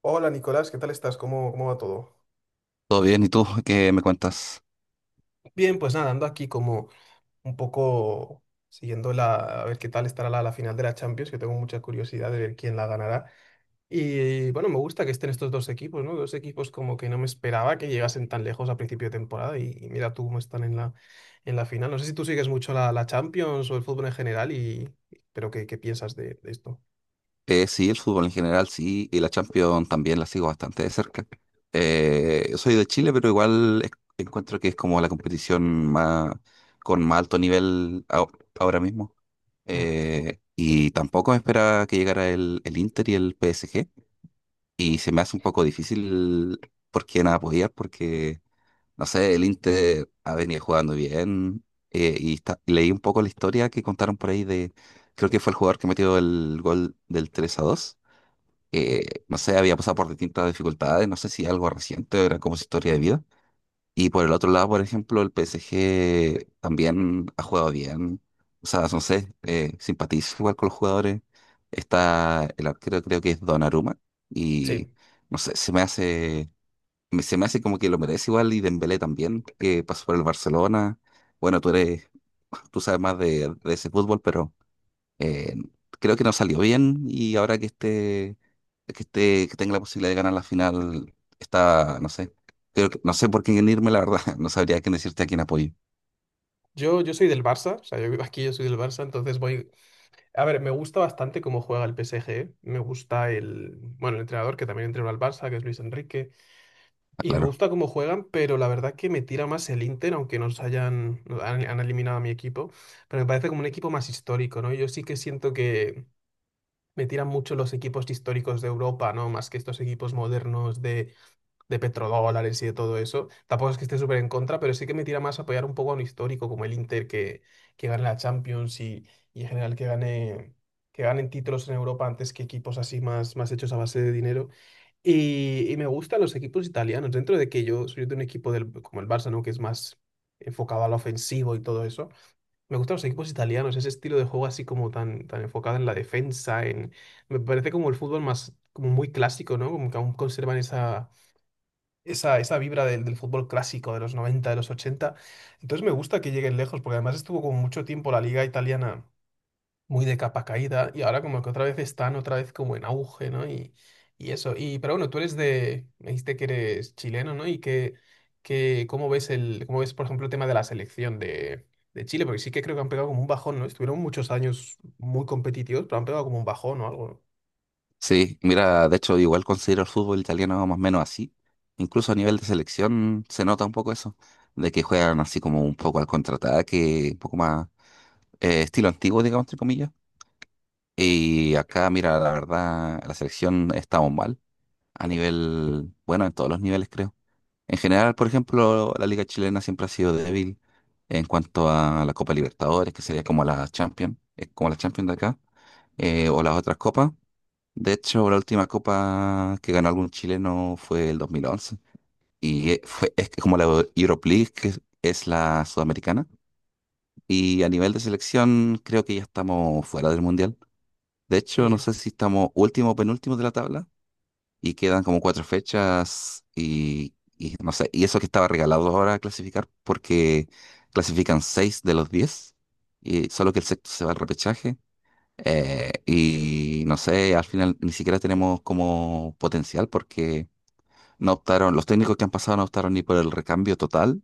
Hola Nicolás, ¿qué tal estás? ¿Cómo va todo? Todo bien, ¿y tú qué me cuentas? Bien, pues nada, ando aquí como un poco siguiendo a ver qué tal estará la final de la Champions, que tengo mucha curiosidad de ver quién la ganará. Y bueno, me gusta que estén estos dos equipos, ¿no? Dos equipos como que no me esperaba que llegasen tan lejos a principio de temporada y mira tú cómo están en en la final. No sé si tú sigues mucho la Champions o el fútbol en general, pero ¿qué piensas de esto? Sí, el fútbol en general, sí, y la Champions también la sigo bastante de cerca. Yo soy de Chile, pero encuentro que es como la competición más, con más alto nivel ahora mismo. Mm. Y tampoco me esperaba que llegara el Inter y el PSG, y se me hace un poco difícil porque nada podía, porque no sé, el Inter ha venido jugando bien, leí un poco la historia que contaron por ahí de, creo que fue el jugador que metió el gol del 3 a dos. Mm. No sé, había pasado por distintas dificultades, no sé si algo reciente, era como su historia de vida. Y por el otro lado, por ejemplo, el PSG también ha jugado bien. O sea, no sé, simpatizo igual con los jugadores. Está el arquero, creo que es Donnarumma, y Sí, no sé, se me hace como que lo merece igual, y Dembélé también, que pasó por el Barcelona. Bueno, tú eres, tú sabes más de ese fútbol, pero eh, creo que no salió bien, y ahora que esté, que tenga la posibilidad de ganar la final, está, no sé, creo que, no sé por quién irme, la verdad, no sabría quién decirte a quién apoyo, yo soy del Barça, o sea, yo vivo aquí, yo soy del Barça, entonces voy. A ver, me gusta bastante cómo juega el PSG. Me gusta el, bueno, el entrenador que también entrenó al Barça, que es Luis Enrique. Y me claro. gusta cómo juegan, pero la verdad que me tira más el Inter, aunque nos han eliminado a mi equipo. Pero me parece como un equipo más histórico, ¿no? Yo sí que siento que me tiran mucho los equipos históricos de Europa, ¿no? Más que estos equipos modernos de petrodólares y de todo eso. Tampoco es que esté súper en contra, pero sí que me tira más a apoyar un poco a un histórico como el Inter que gane la Champions y en general que que ganen títulos en Europa antes que equipos así más hechos a base de dinero. Y me gustan los equipos italianos, dentro de que yo soy de un equipo del, como el Barça, ¿no? Que es más enfocado al ofensivo y todo eso. Me gustan los equipos italianos, ese estilo de juego así como tan enfocado en la defensa, en... Me parece como el fútbol como muy clásico, ¿no? Como que aún conservan esa vibra del fútbol clásico de los 90 de los ochenta. Entonces me gusta que lleguen lejos, porque además estuvo como mucho tiempo la liga italiana muy de capa caída y ahora como que otra vez están otra vez como en auge, ¿no? Y eso. Y, pero bueno, tú eres de, me dijiste que eres chileno, ¿no? Que ¿cómo ves el, cómo ves, por ejemplo, el tema de la selección de Chile? Porque sí que creo que han pegado como un bajón, ¿no? Estuvieron muchos años muy competitivos, pero han pegado como un bajón o algo. Sí, mira, de hecho igual considero el fútbol italiano más o menos así. Incluso a nivel de selección se nota un poco eso, de que juegan así como un poco al contraataque, un poco más estilo antiguo, digamos, entre comillas. Y acá, mira, la verdad, la selección estamos mal a nivel, bueno, en todos los niveles, creo. En general, por ejemplo, la liga chilena siempre ha sido débil en cuanto a la Copa Libertadores, que sería como la Champions, es como la Champions de acá, o las otras copas. De hecho, la última copa que ganó algún chileno fue el 2011. Es como la Europe League, que es la sudamericana. Y a nivel de selección, creo que ya estamos fuera del mundial. De ¿No? hecho, no Mm. sé si estamos último o penúltimo de la tabla, y quedan como cuatro fechas y no sé, y eso que estaba regalado ahora a clasificar porque clasifican seis de los diez, y solo que el sexto se va al repechaje. Y no sé, al final ni siquiera tenemos como potencial porque no optaron, los técnicos que han pasado no optaron ni por el recambio total,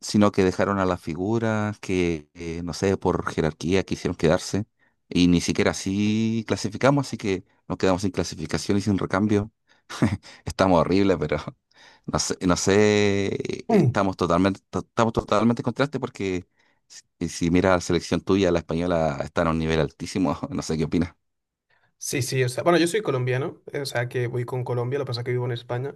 sino que dejaron a las figuras que, no sé, por jerarquía quisieron quedarse, y ni siquiera así clasificamos, así que nos quedamos sin clasificación y sin recambio. Estamos horribles, pero no sé, no sé, Mm. estamos totalmente, estamos totalmente en contraste porque si mira la selección tuya, la española está en un nivel altísimo, no sé qué opinas. Sí, sí, o sea, bueno, yo soy colombiano, o sea que voy con Colombia, lo que pasa es que vivo en España,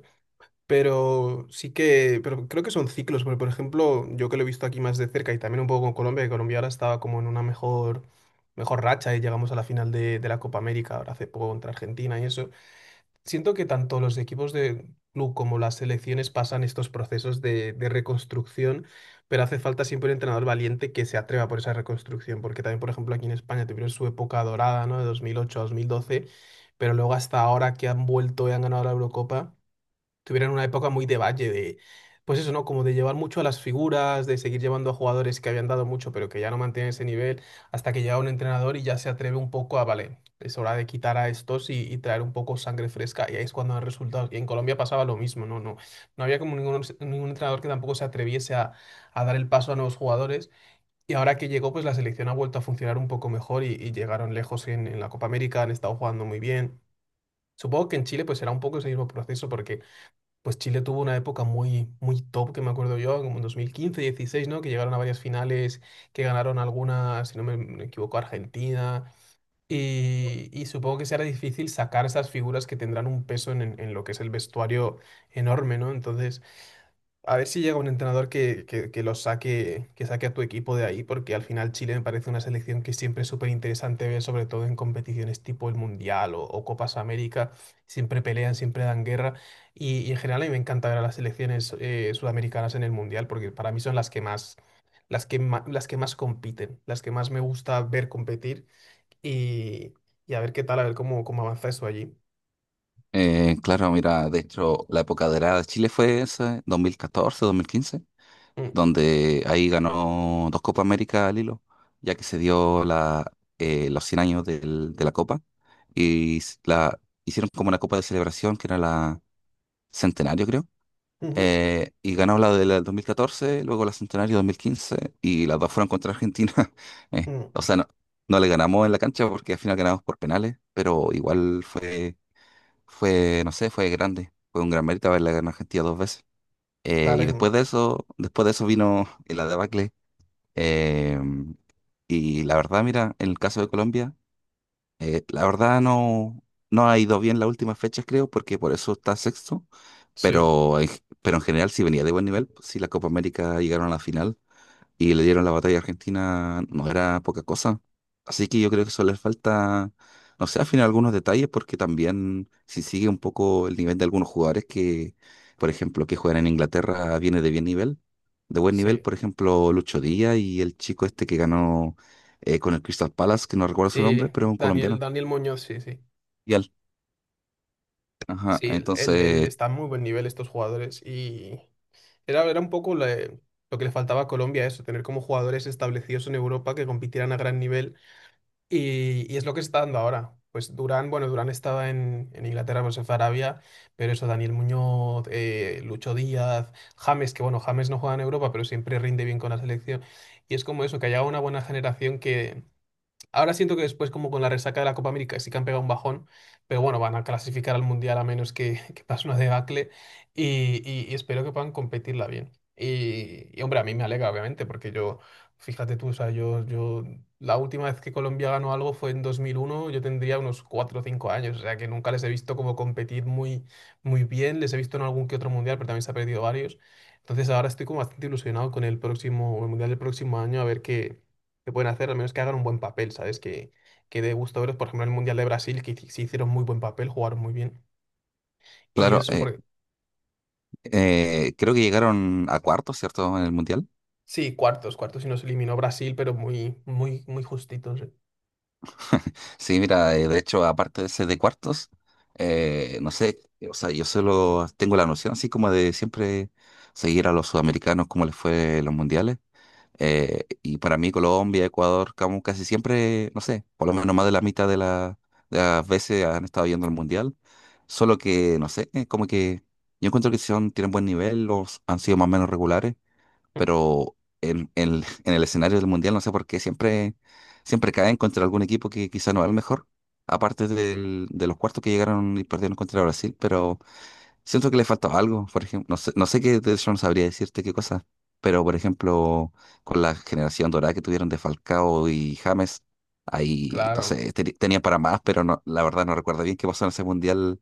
pero sí que, pero creo que son ciclos, porque por ejemplo, yo que lo he visto aquí más de cerca y también un poco con Colombia, que Colombia ahora estaba como en una mejor racha y llegamos a la final de la Copa América ahora hace poco contra Argentina y eso. Siento que tanto los equipos de club como las selecciones pasan estos procesos de reconstrucción, pero hace falta siempre un entrenador valiente que se atreva por esa reconstrucción, porque también, por ejemplo, aquí en España tuvieron su época dorada, ¿no? De 2008 a 2012, pero luego hasta ahora que han vuelto y han ganado la Eurocopa, tuvieron una época muy de valle, de, pues eso, ¿no? Como de llevar mucho a las figuras, de seguir llevando a jugadores que habían dado mucho, pero que ya no mantienen ese nivel, hasta que llega un entrenador y ya se atreve un poco a, vale, es hora de quitar a estos y traer un poco sangre fresca, y ahí es cuando dan resultados. Y en Colombia pasaba lo mismo, ¿no? No, no había como ningún entrenador que tampoco se atreviese a dar el paso a nuevos jugadores. Y ahora que llegó, pues la selección ha vuelto a funcionar un poco mejor y llegaron lejos en la Copa América, han estado jugando muy bien. Supongo que en Chile pues será un poco ese mismo proceso porque pues Chile tuvo una época muy, muy top, que me acuerdo yo, como en 2015, 16, ¿no? Que llegaron a varias finales, que ganaron algunas, si no me equivoco, Argentina. Y supongo que será difícil sacar esas figuras que tendrán un peso en lo que es el vestuario enorme, ¿no? Entonces, a ver si llega un entrenador que los saque, que saque a tu equipo de ahí, porque al final Chile me parece una selección que siempre es súper interesante ver, sobre todo en competiciones tipo el Mundial o Copas América. Siempre pelean, siempre dan guerra. Y en general a mí me encanta ver a las selecciones sudamericanas en el Mundial, porque para mí son las que más, las que más compiten, las que más me gusta ver competir y, y a ver qué a ver cómo, cómo avanza eso allí. Claro, mira, de hecho, la época dorada de Chile fue esa, 2014, 2015. Mm. Donde ahí ganó dos Copas América al hilo, ya que se dio la, los 100 años de la Copa, y la hicieron como una Copa de celebración que era la Centenario, creo. Ujú. Y ganó la del 2014, luego la Centenario dos mil quince, y las dos fueron contra Argentina. Eh, Mm. o sea, no, no le ganamos en la cancha porque al final ganamos por penales, pero igual fue, no sé, fue grande. Fue un gran mérito haberle ganado a Argentina dos veces. Eh, Claro, y y- después de eso, después de eso, vino la debacle. Em, y la verdad, mira, en el caso de Colombia, la verdad no, no ha ido bien las últimas fechas, creo, porque por eso está sexto, sí. pero en, pero en general sí venía de buen nivel, pues sí, la Copa América llegaron a la final y le dieron la batalla a Argentina, no era poca cosa. Así que yo creo que eso les falta, no sé, al final algunos detalles, porque también si sigue un poco el nivel de algunos jugadores que, por ejemplo, que juegan en Inglaterra, viene de bien nivel, de buen nivel, Sí. por ejemplo, Lucho Díaz y el chico este que ganó con el Crystal Palace, que no recuerdo su Sí, nombre, pero es un Daniel, colombiano. Daniel Muñoz, sí, sí. Y al- Ajá, Sí, él entonces, está a muy buen nivel estos jugadores y era un poco lo que le faltaba a Colombia, eso, tener como jugadores establecidos en Europa que compitieran a gran nivel y es lo que se está dando ahora. Pues Durán, bueno, Durán estaba en Inglaterra, pues se fue a Arabia, pero eso, Daniel Muñoz, Lucho Díaz, James, que bueno, James no juega en Europa, pero siempre rinde bien con la selección. Y es como eso, que haya una buena generación que. Ahora siento que después, como con la resaca de la Copa América, sí que han pegado un bajón, pero bueno, van a clasificar al Mundial a menos que, que pase una debacle y espero que puedan competirla bien. Y, hombre, a mí me alegra, obviamente, porque yo, fíjate tú, o sea, la última vez que Colombia ganó algo fue en 2001, yo tendría unos 4 o 5 años, o sea, que nunca les he visto como competir muy bien, les he visto en algún que otro Mundial, pero también se ha perdido varios. Entonces ahora estoy como bastante ilusionado con el próximo, el Mundial del próximo año, a ver qué que pueden hacer, al menos que hagan un buen papel, ¿sabes? Que dé gusto verlos. Por ejemplo, en el Mundial de Brasil, sí hicieron muy buen papel, jugaron muy bien. Y claro, eso, porque creo que llegaron a cuarto, ¿cierto? En el Mundial. sí, cuartos y nos eliminó Brasil, pero muy justitos. Eh. Sí, mira, de hecho, aparte de ese de cuartos, no sé, o sea, yo solo tengo la noción así como de siempre seguir a los sudamericanos como les fue en los mundiales. Y para mí Colombia, Ecuador, como casi siempre, no sé, por lo menos más de la mitad de, de las veces han estado yendo al mundial. Solo que, no sé, como que yo encuentro que son, tienen buen nivel, los han sido más o menos regulares, en el escenario del mundial no sé por qué siempre caen contra algún equipo que quizá no es el mejor, de los cuartos que llegaron y perdieron contra Brasil, pero siento que le faltaba algo, por ejemplo, no sé, no sé qué, de eso no sabría decirte qué cosa, pero por ejemplo, con la generación dorada que tuvieron de Falcao y James, ahí, no Claro. sé, tenían para más, pero no, la verdad no recuerdo bien qué pasó en ese mundial.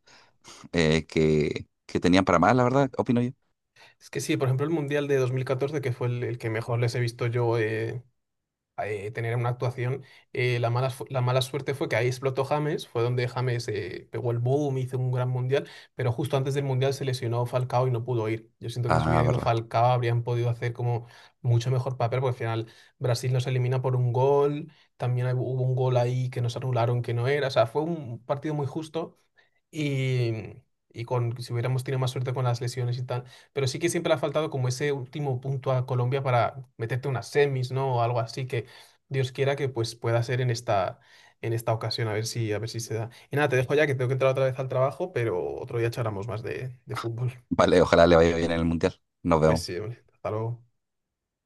Que tenían para más, la verdad, opino yo. Es que sí, por ejemplo, el Mundial de 2014, que fue el que mejor les he visto yo, tener una actuación. La mala suerte fue que ahí explotó James, fue donde James pegó el boom, hizo un gran mundial, pero justo antes del mundial se lesionó Falcao y no pudo ir. Yo siento que si Ah, hubiera ido verdad. Falcao habrían podido hacer como mucho mejor papel, porque al final Brasil nos elimina por un gol, también hubo un gol ahí que nos anularon que no era, o sea, fue un partido muy justo y, y con, si hubiéramos tenido más suerte con las lesiones y tal. Pero sí que siempre le ha faltado como ese último punto a Colombia para meterte unas semis, ¿no? O algo así que Dios quiera que pues pueda ser en esta ocasión, a ver si se da. Y nada, te dejo ya que tengo que entrar otra vez al trabajo, pero otro día charlamos más de fútbol. Vale, ojalá le vaya bien en el mundial. Nos Pues vemos. sí, hombre, hasta luego.